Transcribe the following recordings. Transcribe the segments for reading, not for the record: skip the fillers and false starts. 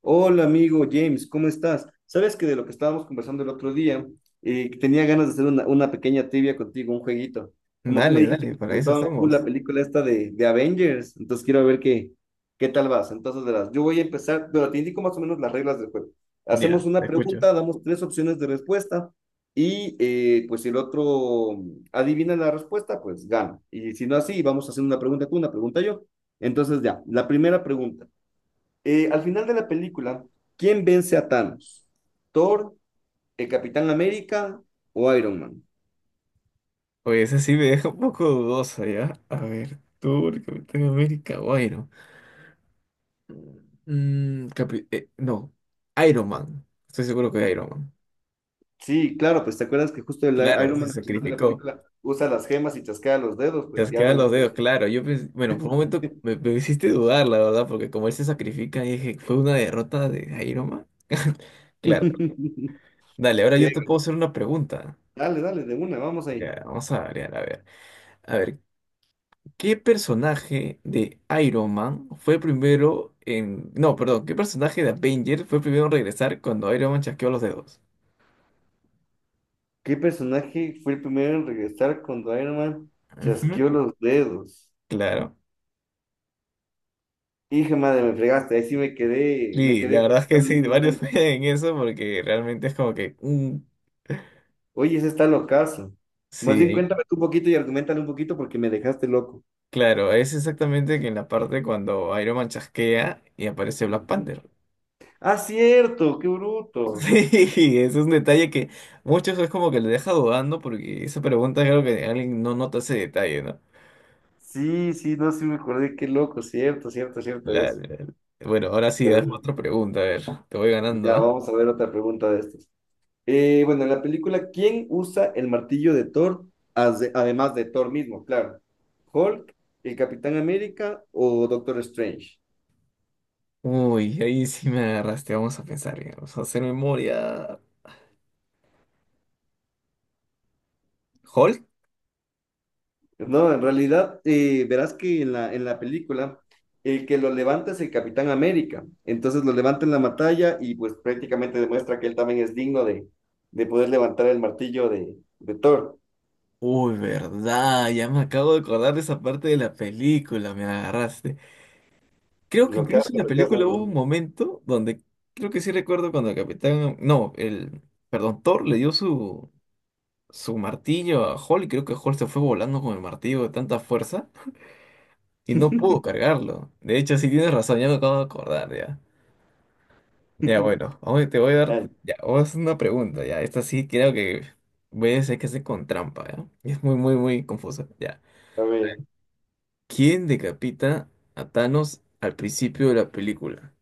Hola amigo James, ¿cómo estás? Sabes que de lo que estábamos conversando el otro día, tenía ganas de hacer una pequeña trivia contigo, un jueguito. Como tú me Dale, dijiste dale, que te para eso gustaba full la estamos. película esta de Avengers, entonces quiero ver qué tal vas. Entonces verás, yo voy a empezar, pero te indico más o menos las reglas del juego. Hacemos Ya, te una escucho. pregunta, damos tres opciones de respuesta y pues si el otro adivina la respuesta, pues gana. Y si no así, vamos haciendo una pregunta tú, una pregunta yo. Entonces ya, la primera pregunta. Al final de la película, ¿quién vence a Thanos? ¿Thor, el Capitán América o Iron Man? Oye, esa sí me deja un poco dudosa, ¿ya? A ver, tú, el Capitán América o Iron. Mm, capi- no, Iron Man. Estoy seguro que Iron Man. Sí, claro, pues te acuerdas que justo el Claro, Iron se Man al final de la sacrificó. película usa las gemas y chasquea los dedos, pues Te ya me quedan el- los dedos, claro. Bueno, por un momento me hiciste dudar, la verdad, porque como él se sacrifica, dije, ¿fue una derrota de Iron Man? Claro. Dale, ahora Sí, yo te puedo hacer una pregunta. dale, dale, de una, vamos ahí. Ya, vamos a variar, a ver. A ver, ¿qué personaje de Iron Man fue primero en... No, perdón, ¿qué personaje de Avenger fue primero en regresar cuando Iron Man chasqueó los dedos? ¿Qué personaje fue el primero en regresar cuando Iron Man Ujú, chasqueó los dedos? claro. Hija madre, me fregaste, ahí sí me Sí, la quedé verdad es que sí, completamente en varios blanco. en eso porque realmente es como que... Oye, ese está locazo. Más bien sí, cuéntame tú un poquito y argumentale un poquito porque me dejaste loco. claro, es exactamente que en la parte cuando Iron Man chasquea y aparece Black Ujú. Panther. Ah, cierto, qué bruto. Sí, es un detalle que muchos es como que le deja dudando porque esa pregunta creo que alguien no nota ese detalle, ¿no? Sí, sí, no, sí me acordé, qué loco, cierto, cierto, cierto La- es. la- Bueno, ahora sí, dame Ya, otra pregunta, a ver, te voy ganando, ya ¿ah? vamos a ver otra pregunta de estas. Bueno, en la película, ¿quién usa el martillo de Thor? Ade- Además de Thor mismo, claro. ¿Hulk, el Capitán América o Doctor Strange? Uy, ahí sí me agarraste, vamos a pensar, ya, vamos a hacer memoria. ¿Hulk? No, en realidad, verás que en en la película, el que lo levanta es el Capitán América. Entonces lo levanta en la batalla y pues prácticamente demuestra que él también es digno de poder levantar el martillo de Thor. Uy, verdad, ya me acabo de acordar de esa parte de la película, me agarraste. Creo que incluso en la Lo que hace, película hubo ¿no? un momento donde, creo que sí recuerdo cuando el capitán, no, el, perdón, Thor le dio su martillo a Hulk y creo que Hulk se fue volando con el martillo de tanta fuerza y no pudo cargarlo. De hecho, sí tienes razón, ya me acabo de acordar, ya. Ya, bueno, ahora te voy a dar, Ay, ya, vamos a hacer una pregunta, ya, esta sí creo que voy a decir que hace con trampa, ¿ya? Es muy, muy, muy confusa, ya. a ver, ¿Quién decapita a Thanos al principio de la película?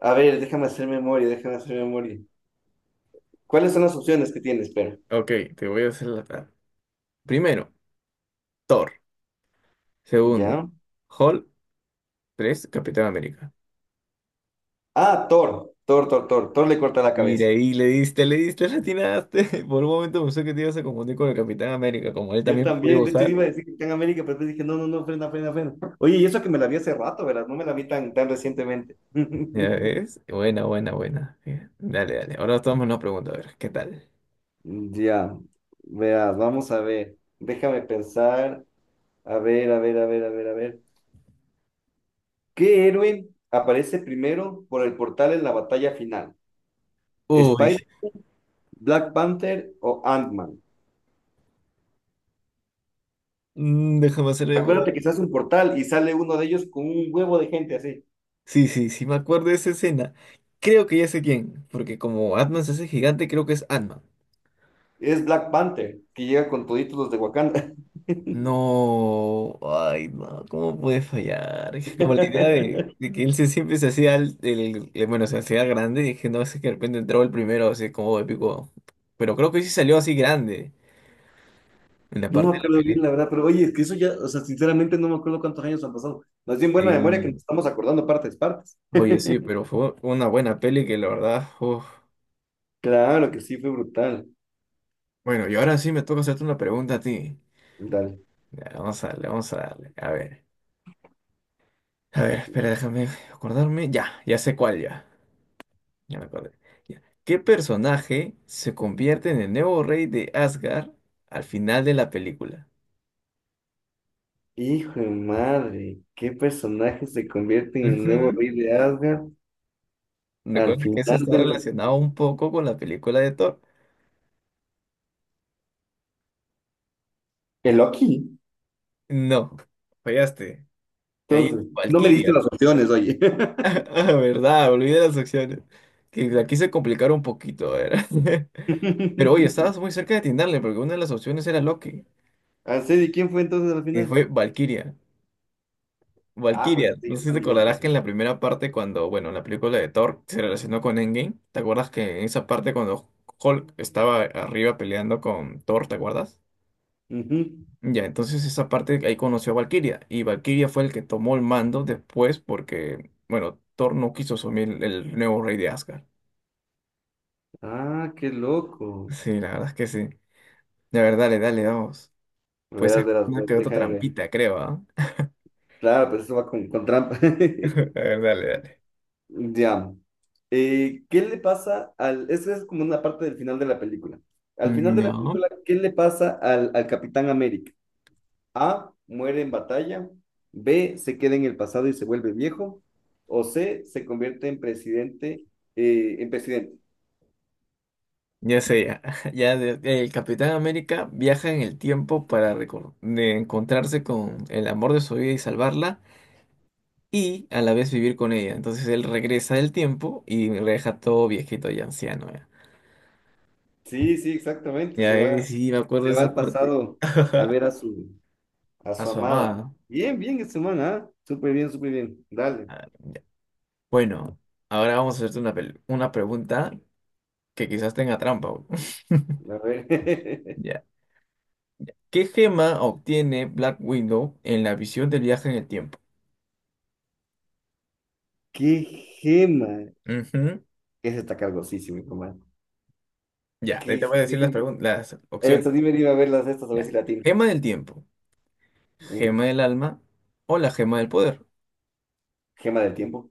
a ver, déjame hacer memoria, déjame hacer memoria. ¿Cuáles son las opciones que tienes? Espera. Ok, te voy a hacer Primero, Thor. Segundo, ¿Ya? Hulk. Tres, Capitán América. Ah, Thor, Thor, Thor, Thor. Thor le corta la Mira, cabeza. ahí le diste, le diste, le atinaste. Por un momento pensé que te ibas a confundir con el Capitán América, como él Yo también puede también, de hecho usar. iba a decir que está en América, pero después dije, no, no, no, frena, frena, frena. Oye, y eso que me la vi hace rato, ¿verdad? No me la vi tan, tan recientemente. Ya ves, buena, buena, buena. Bien, dale, dale, ahora tomamos una pregunta, a ver, ¿qué tal? Ya, veas, vamos a ver. Déjame pensar. A ver, a ver, a ver, a ver, a ver. ¿Qué héroe aparece primero por el portal en la batalla final? Uy, ¿Spider, Black Panther o Ant-Man? Déjame hacer Acuérdate que memoria. se hace un portal y sale uno de ellos con un huevo de gente así. Sí, sí, sí, me acuerdo de esa escena. Creo que ya sé quién, porque como Atman se hace gigante, creo que es Atman. Es Black Panther, que llega con toditos los de Wakanda. No, ay, no, ¿cómo puede fallar? Es que como la idea de que él se, siempre se hacía, bueno, se hacía grande, y dije, no, es que de repente entraba el primero, así como épico. Pero creo que sí salió así grande en la No me parte de la acuerdo bien, la pelea. verdad, pero oye, es que eso ya, o sea, sinceramente no me acuerdo cuántos años han pasado. Más bien buena memoria que nos Sí, estamos acordando partes, partes. oye, sí, pero fue una buena peli que la verdad, uf. Claro que sí, fue brutal, Bueno, y ahora sí me toca hacerte una pregunta a ti. brutal. Ya, vamos a darle, vamos a darle. A ver, espera, déjame acordarme. Ya, ya sé cuál ya. Ya me acordé. Ya. ¿Qué personaje se convierte en el nuevo rey de Asgard al final de la película? Hijo de madre, ¿qué personaje se convierte en el nuevo Ujú. rey de Asgard al Recuerda que final eso está del... relacionado un poco con la película de Thor. ¿El Loki? No, fallaste. Ahí es Entonces, no me diste Valkyria. las opciones, oye. Ah, verdad, olvidé las opciones. Que la quise complicar un poquito, a ver. Pero oye, estabas muy cerca de atinarle porque una de las opciones era Loki. Así, ¿y quién fue entonces al Y final? fue Valkyria. Ah, Valkyria, pues este no ya sé si está a te nivel acordarás 3. que en la primera parte, cuando, bueno, en la película de Thor se relacionó con Endgame, ¿te acuerdas que en esa parte cuando Hulk estaba arriba peleando con Thor, ¿te acuerdas? Ujú. Ya, entonces esa parte ahí conoció a Valkyria y Valkyria fue el que tomó el mando después porque, bueno, Thor no quiso asumir el nuevo rey de Asgard. Ah, qué loco. Sí, la verdad es que sí. La verdad, dale, dale, vamos. Puede Verás, ser verás, una verás, que otra déjame ver. trampita, creo, ¿ah? Claro, pero eso va con trampa. A ver, dale, dale. Ya. ¿Qué le pasa al... Esa es como una parte del final de la película. Al final Mm, de la ya. película, ¿qué le pasa al Capitán América? A, muere en batalla. B, se queda en el pasado y se vuelve viejo. O C, se convierte en presidente. En presidente. Ya sé, ya, el Capitán América viaja en el tiempo para recor- de encontrarse con el amor de su vida y salvarla y a la vez vivir con ella. Entonces él regresa del tiempo y lo deja todo viejito y anciano. Ya, Sí, sí, exactamente. Ya, sí, me acuerdo de Se va esa al parte. pasado a ver a a A su su amada. amada. Bien, bien, esta semana, ¿ah? Súper bien, súper bien. Dale. Ah, ya. Bueno, ahora vamos a hacerte una pregunta que quizás tenga trampa, güey. A ver. Ya. ¿Qué gema obtiene Black Widow en la visión del viaje en el tiempo? ¡Qué gema! Ese está cargosísimo, hijo, man. Ya, ahí te ¡Qué voy a decir gema! Las Eso, opciones. dime, dime a ver las estas, a ver Ya. si la tiene. Gema del tiempo, Mm, gema del alma o la gema del poder. gema del tiempo.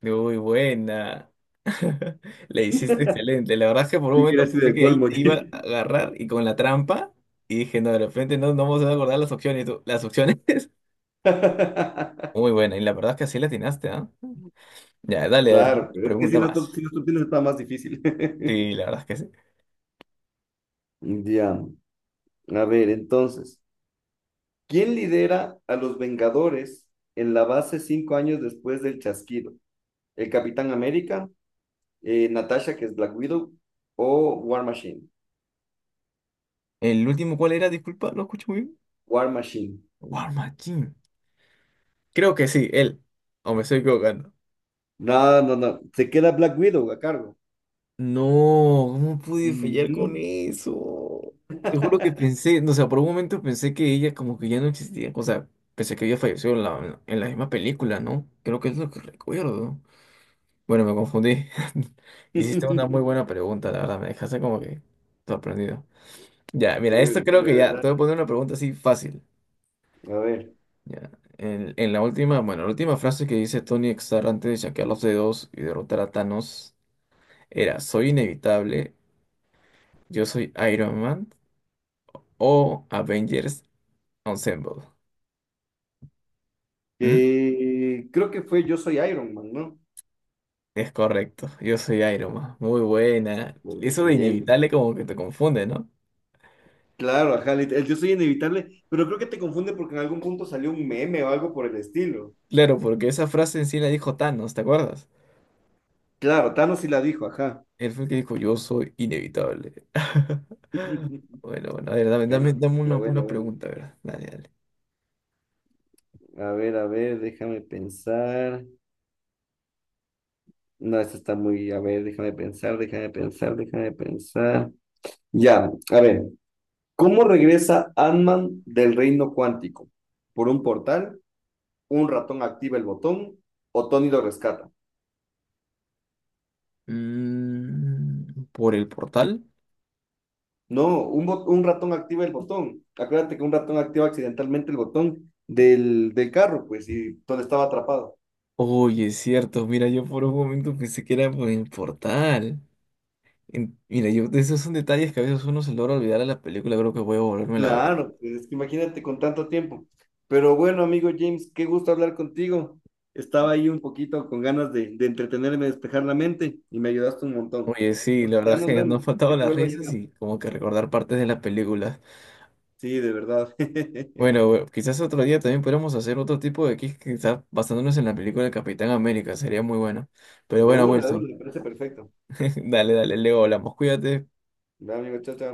Muy buena. Le hiciste excelente. La verdad es que por un Yo momento hubiera sido pensé el que ahí colmo. te iba a agarrar y con la trampa. Y dije, no, de repente no, no vamos a acordar las opciones. Y tú, las opciones. Muy buena. Y la verdad es que así la atinaste, ¿ah? Ya, dale, a ver, Claro, pero es que pregunta sin las, tor- más. sin las tortillas está más difícil. Sí, la verdad es que sí. Ya, a ver, entonces, ¿quién lidera a los Vengadores en la base 5 años después del chasquido? ¿El Capitán América, Natasha, que es Black Widow, o War Machine? ¿El último cuál era? Disculpa, no escucho muy bien. War Machine. War Machine. Creo que sí, él. O me estoy equivocando. No, no, no, se queda Black Widow a cargo. No, ¿cómo pude fallar Ujú. con eso? Te juro que pensé, no, o sea, por un momento pensé que ella como que ya no existía, o sea, pensé que había fallecido en en la misma película, ¿no? Creo que es lo que recuerdo. Bueno, me confundí. Hiciste una muy buena pregunta, la verdad, me dejaste como que sorprendido. Ya, mira, esto Chévere, creo chévere, que ya, te ¿verdad? voy a poner una pregunta así fácil. A ver, Ya, en la última, bueno, la última frase que dice Tony Stark antes de chasquear los dedos y derrotar a Thanos era, soy inevitable, yo soy Iron Man, o Avengers Ensemble. ¿Mm? Creo que fue Yo soy Iron Man, ¿no? Es correcto, yo soy Iron Man. Muy buena. Bueno, Eso de bien, inevitable bien. como que te confunde, ¿no? Claro, ajá, lit- el Yo soy inevitable, pero creo que te confunde porque en algún punto salió un meme o algo por el estilo. Claro, porque esa frase en sí la dijo Thanos, ¿te acuerdas? Claro, Thanos sí la dijo, ajá. Él fue el que dijo, yo soy inevitable. Bueno, bueno, a ver, dame, Bueno, dame, dame película, bueno, una bueno. pregunta, a ver. Dale, dale. A ver, déjame pensar. No, esta está muy, a ver, déjame pensar, déjame pensar, déjame pensar. Ya, a ver. ¿Cómo regresa Ant-Man del reino cuántico? ¿Por un portal? ¿Un ratón activa el botón? ¿O Tony lo rescata? Mm, ¿por el portal? No, un, bot- un ratón activa el botón. Acuérdate que un ratón activa accidentalmente el botón del carro, pues, y Tony estaba atrapado. Oye, es cierto, mira, yo por un momento pensé que era por el portal. Mira, yo, esos son detalles que a veces uno se logra olvidar a la película, creo que voy a volverme a ver. Claro, pues, es que imagínate con tanto tiempo. Pero bueno, amigo James, qué gusto hablar contigo. Estaba ahí un poquito con ganas de entretenerme, despejar la mente, y me ayudaste un montón. Oye, sí, Pues, la ya verdad nos que nos vemos. han Que faltado te las vuelva a risas ayudar. y como que recordar partes de las películas. Sí, de verdad. Bueno, bueno, quizás otro día también podríamos hacer otro tipo de quiz, quizás basándonos en la película de Capitán América, sería muy bueno. Pero bueno, de una, Wilson, me parece perfecto. dale, dale, luego hablamos, cuídate. Ya, amigo, chao, chao.